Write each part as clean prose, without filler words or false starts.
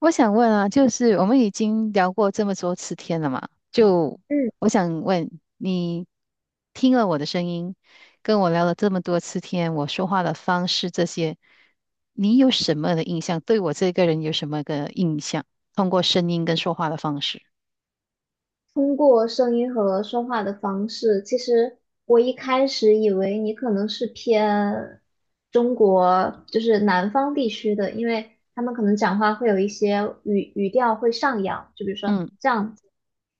我想问啊，就是我们已经聊过这么多次天了嘛，嗯，我想问你，听了我的声音，跟我聊了这么多次天，我说话的方式这些，你有什么的印象？对我这个人有什么个印象？通过声音跟说话的方式，通过声音和说话的方式，其实我一开始以为你可能是偏中国，就是南方地区的，因为他们可能讲话会有一些语调会上扬，就比如说嗯这样子，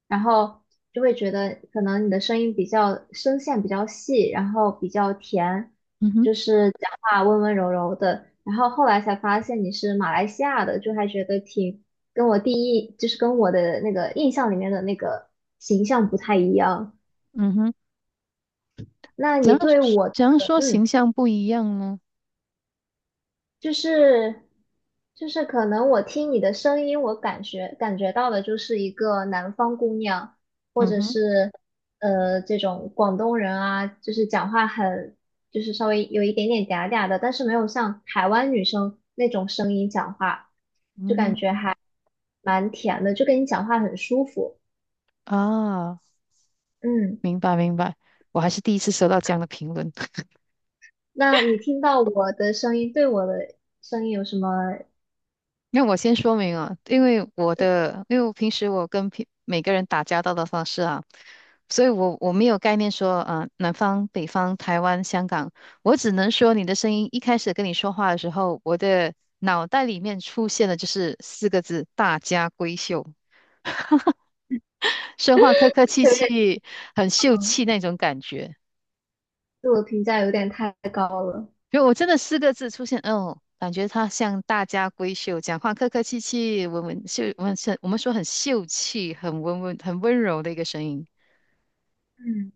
然后就会觉得可能你的声音比较声线比较细，然后比较甜，嗯哼就是讲话温温柔柔的，然后后来才发现你是马来西亚的，就还觉得挺。跟我第一就是跟我的那个印象里面的那个形象不太一样。嗯哼。那怎你样对我的，怎样说嗯，形象不一样呢？就是就是可能我听你的声音，我感觉到的就是一个南方姑娘，嗯哼这种广东人啊，就是讲话很就是稍微有一点点嗲嗲的，但是没有像台湾女生那种声音讲话嗯蛮甜的，就跟你讲话很舒服。啊。嗯，明白明白，我还是第一次收到这样的评论。那你听到我的声音，对我的声音有什么那我先说明啊，因为我的，因为我平时我跟平每个人打交道的方式啊，所以我没有概念说啊、南方、北方、台湾、香港，我只能说你的声音一开始跟你说话的时候，我的脑袋里面出现的就是四个字"大家闺秀"，说话客客气这有点气，很秀嗯气那种感觉。自我评价有点太高了。因为我真的四个字出现，哦，感觉他像大家闺秀，讲话客客气气，文文秀，我们秀，我们说很秀气，很温文，很温柔的一个声音。嗯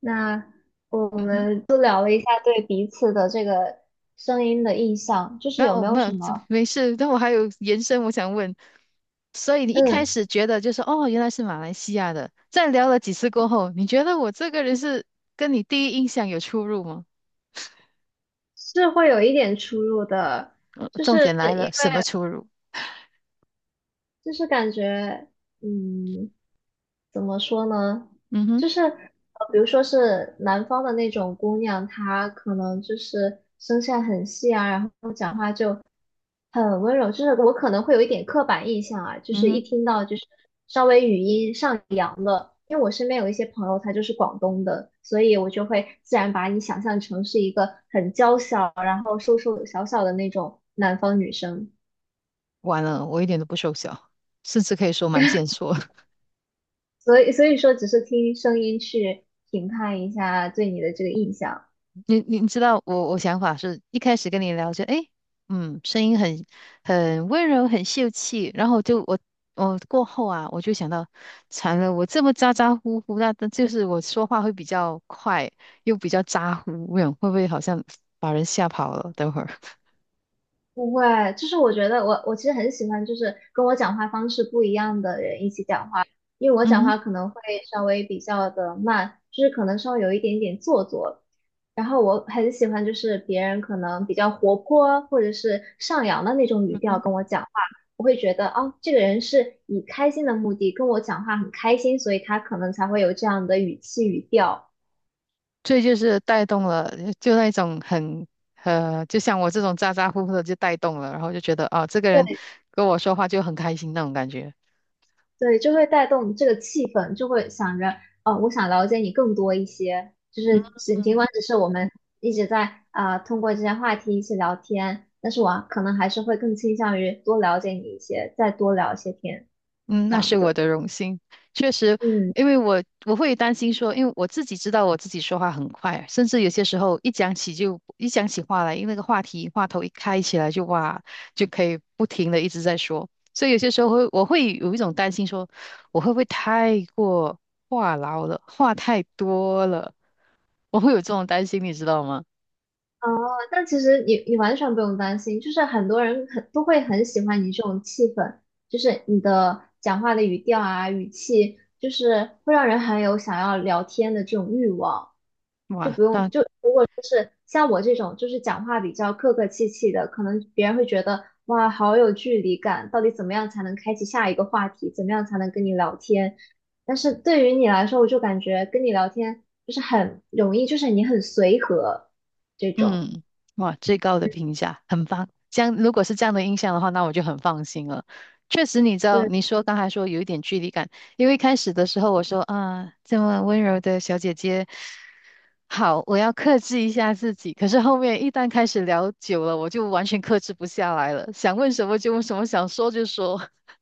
那我嗯哼。们就聊了一下对彼此的这个声音的印象，就是那有我没有没有，什这么，没事，但我还有延伸，我想问，所以你一开嗯，始觉得就是哦，原来是马来西亚的，在聊了几次过后，你觉得我这个人是跟你第一印象有出入吗？是会有一点出入的，就重是点来因了，为什么出入？就是感觉，嗯，怎么说呢？嗯哼，就是比如说是南方的那种姑娘，她可能就是声线很细啊，然后讲话就很温柔，就是我可能会有一点刻板印象啊，就嗯是一哼。听到就是稍微语音上扬了，因为我身边有一些朋友她就是广东的，所以我就会自然把你想象成是一个很娇小，然后瘦瘦小小的那种南方女生，完了，我一点都不瘦小，甚至可以说蛮健硕。所以说只是听声音去评判一下对你的这个印象。你知道我想法是一开始跟你聊就诶，嗯，声音很温柔，很秀气，然后就我过后啊，我就想到，惨了，我这么咋咋呼呼，那就是我说话会比较快，又比较咋呼，我想会不会好像把人吓跑了？等会儿，不会，就是我觉得我其实很喜欢，就是跟我讲话方式不一样的人一起讲话，因为我嗯讲哼。话可能会稍微比较的慢，就是可能稍微有一点点做作。然后我很喜欢，就是别人可能比较活泼或者是上扬的那种语调跟我讲话，我会觉得哦，这个人是以开心的目的跟我讲话很开心，所以他可能才会有这样的语气语调。这就是带动了，就那种很就像我这种咋咋呼呼的就带动了，然后就觉得啊，这个人对。跟我说话就很开心那种感觉。对，就会带动这个气氛，就会想着，哦，我想了解你更多一些，就是尽尽管只是我们一直在啊、通过这些话题一起聊天，但是我可能还是会更倾向于多了解你一些，再多聊一些天，嗯，这那样是我子。的荣幸。确实，嗯，因为我会担心说，因为我自己知道我自己说话很快，甚至有些时候一讲起话来，因为那个话题话头一开起来就哇，就可以不停的一直在说。所以有些时候我会有一种担心说，我会不会太过话痨了，话太多了，我会有这种担心，你知道吗？哦，但其实你完全不用担心，就是很多人很都会很喜欢你这种气氛，就是你的讲话的语调啊、语气，就是会让人很有想要聊天的这种欲望。就哇，不用那就像我这种就是讲话比较客客气气的，可能别人会觉得哇，好有距离感，到底怎么样才能开启下一个话题？怎么样才能跟你聊天？但是对于你来说，我就感觉跟你聊天就是很容易，就是你很随和这种。嗯，哇，最高的评价，很棒。这样，如果是这样的印象的话，那我就很放心了。确实，你知道，刚才说有一点距离感，因为一开始的时候我说啊，这么温柔的小姐姐，好，我要克制一下自己。可是后面一旦开始聊久了，我就完全克制不下来了，想问什么就问什么，想说就说。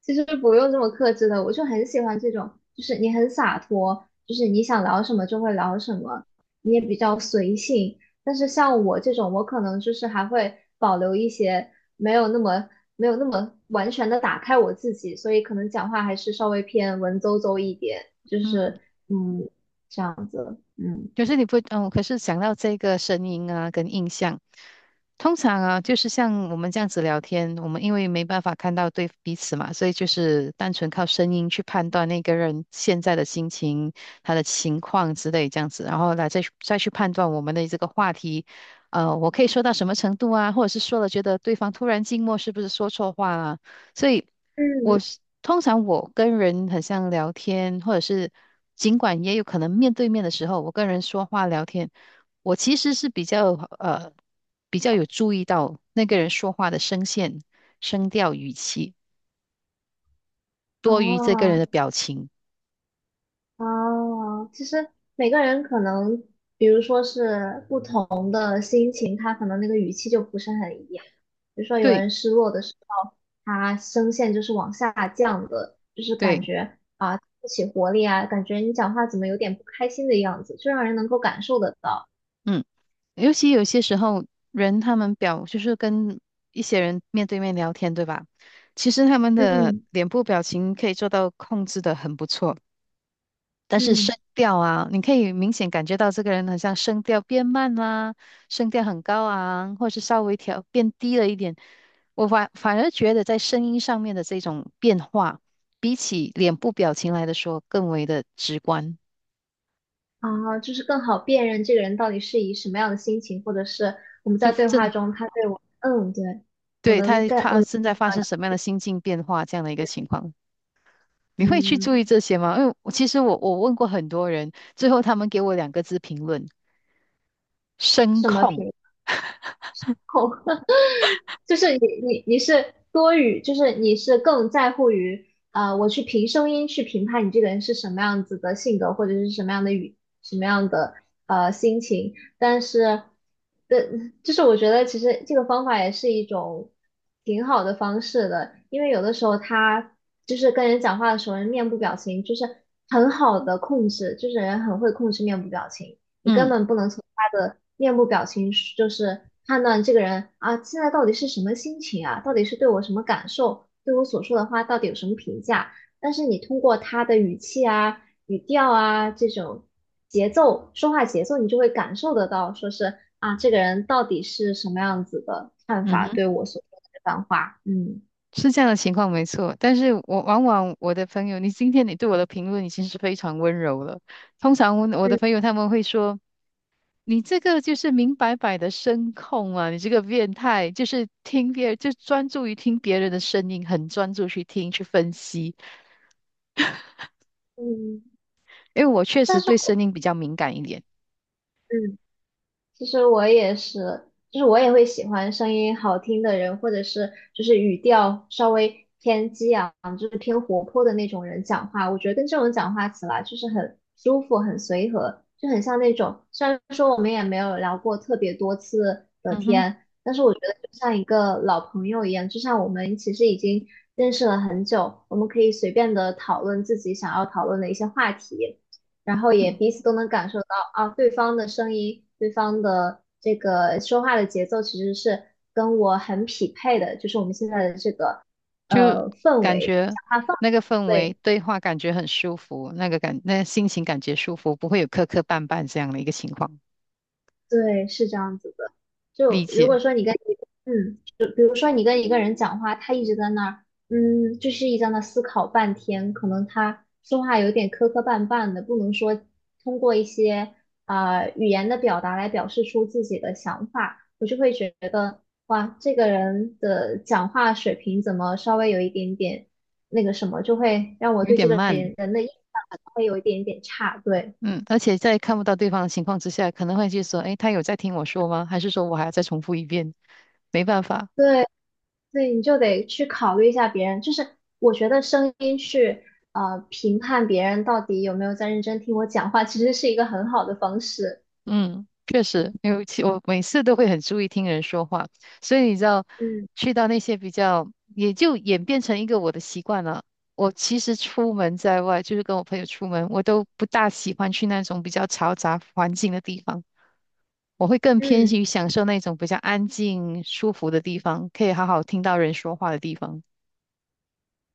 其实不用这么克制的，我就很喜欢这种，就是你很洒脱，就是你想聊什么就会聊什么，你也比较随性。但是像我这种，我可能就是还会保留一些没有那么没有那么完全的打开我自己，所以可能讲话还是稍微偏文绉绉一点，就嗯。是嗯这样子，可是你不，嗯，可是想到这个声音啊，跟印象，通常啊，就是像我们这样子聊天，我们因为没办法看到对彼此嘛，所以就是单纯靠声音去判断那个人现在的心情、他的情况之类这样子，然后来再去判断我们的这个话题，我可以说到什么程度啊，或者是说了觉得对方突然静默，是不是说错话啊？所以。嗯，我是通常我跟人很像聊天，或者是尽管也有可能面对面的时候，我跟人说话聊天，我其实是呃比较有注意到那个人说话的声线、声调、语气，多于这个人的哦，表情。哦，其实每个人可能，比如说是不同的心情，他可能那个语气就不是很一样。比如说有对人失落的时候，他声线就是往下降的，就是感对，觉啊不起活力啊，感觉你讲话怎么有点不开心的样子，就让人能够感受得到。嗯，尤其有些时候人他们就是跟一些人面对面聊天，对吧？其实他们的嗯脸部表情可以做到控制的很不错。但是声嗯，调啊，你可以明显感觉到这个人好像声调变慢啦，声调很高昂，或是稍微调变低了一点。我反而觉得在声音上面的这种变化，比起脸部表情来的说更为的直观，啊，就是更好辨认这个人到底是以什么样的心情，或者是我们就在对话正，中他对我，嗯，对，对，我能正在发生什么样的心境变化这样的一个情况。你会去注意嗯这些吗？因为我其实我问过很多人，最后他们给我两个字评论：声什么控。频率。就是你是多于，就是你是更在乎于，啊，我去凭声音去评判你这个人是什么样子的性格，或者是什么样的语，什么样的心情。但是，的，就是我觉得其实这个方法也是一种挺好的方式的，因为有的时候他就是跟人讲话的时候，人面部表情就是很好的控制，就是人很会控制面部表情。你根嗯本不能从他的面部表情是就是判断这个人啊，现在到底是什么心情啊，到底是对我什么感受，对我所说的话到底有什么评价。但是你通过他的语气啊、语调啊这种节奏、说话节奏，你就会感受得到，说是啊，这个人到底是什么样子的看嗯法哼。对我所说的这番话，嗯。是这样的情况没错，但是我往往我的朋友，你今天你对我的评论已经是非常温柔了。通常我的朋嗯友他们会说，你这个就是明摆摆的声控啊，你这个变态，就是听别人，就专注于听别人的声音，很专注去听去分析。嗯因为我确但实是。对声音比较敏感一点，嗯。其实我也是，就是我也会喜欢声音好听的人，或者是就是语调稍微偏激昂，就是偏活泼的那种人讲话。我觉得跟这种讲话起来就是很舒服、很随和，就很像那种。虽然说我们也没有聊过特别多次的嗯哼，天，但是我觉得就像一个老朋友一样，就像我们其实已经认识了很久，我们可以随便的讨论自己想要讨论的一些话题。然后也嗯，彼此都能感受到啊，对方的声音，对方的这个说话的节奏其实是跟我很匹配的，就是我们现在的这个就氛感围，觉讲话氛那个氛围，围对。对话感觉很舒服，那个感那心情感觉舒服，不会有磕磕绊绊这样的一个情况，对，是这样子的。理就如果解。说你跟一个嗯，就比如说你跟一个人讲话，他一直在那儿，嗯，就是一直在那思考半天，可能他说话有点磕磕绊绊的，不能说通过一些啊语言的表达来表示出自己的想法，我就会觉得，哇，这个人的讲话水平怎么稍微有一点点那个什么，就会让我有对这点个慢，人人的印象可能会有一点点差，对。嗯，而且在看不到对方的情况之下，可能会去说，诶，他有在听我说吗？还是说我还要再重复一遍？没办法，对，所以你就得去考虑一下别人，就是我觉得声音去评判别人到底有没有在认真听我讲话，其实是一个很好的方式。嗯，确实，尤其我每次都会很注意听人说话，所以你知道，嗯去到那些比较，也就演变成一个我的习惯了。我其实出门在外，就是跟我朋友出门，我都不大喜欢去那种比较嘈杂环境的地方。我会更偏嗯，向于享受那种比较安静、舒服的地方，可以好好听到人说话的地方。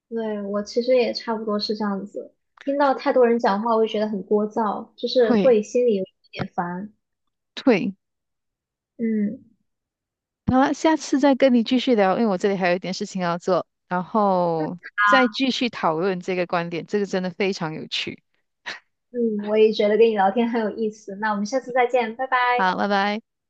对，我其实也差不多是这样子，听到太多人讲话，我会觉得很聒噪，就是会会心里有一点烦。会。嗯好了，下次再跟你继续聊，因为我这里还有一点事情要做，然后再继续讨论这个观点，这个真的非常有趣。嗯，我也觉得跟你聊天很有意思，那我们下次再见，拜拜。好，拜拜。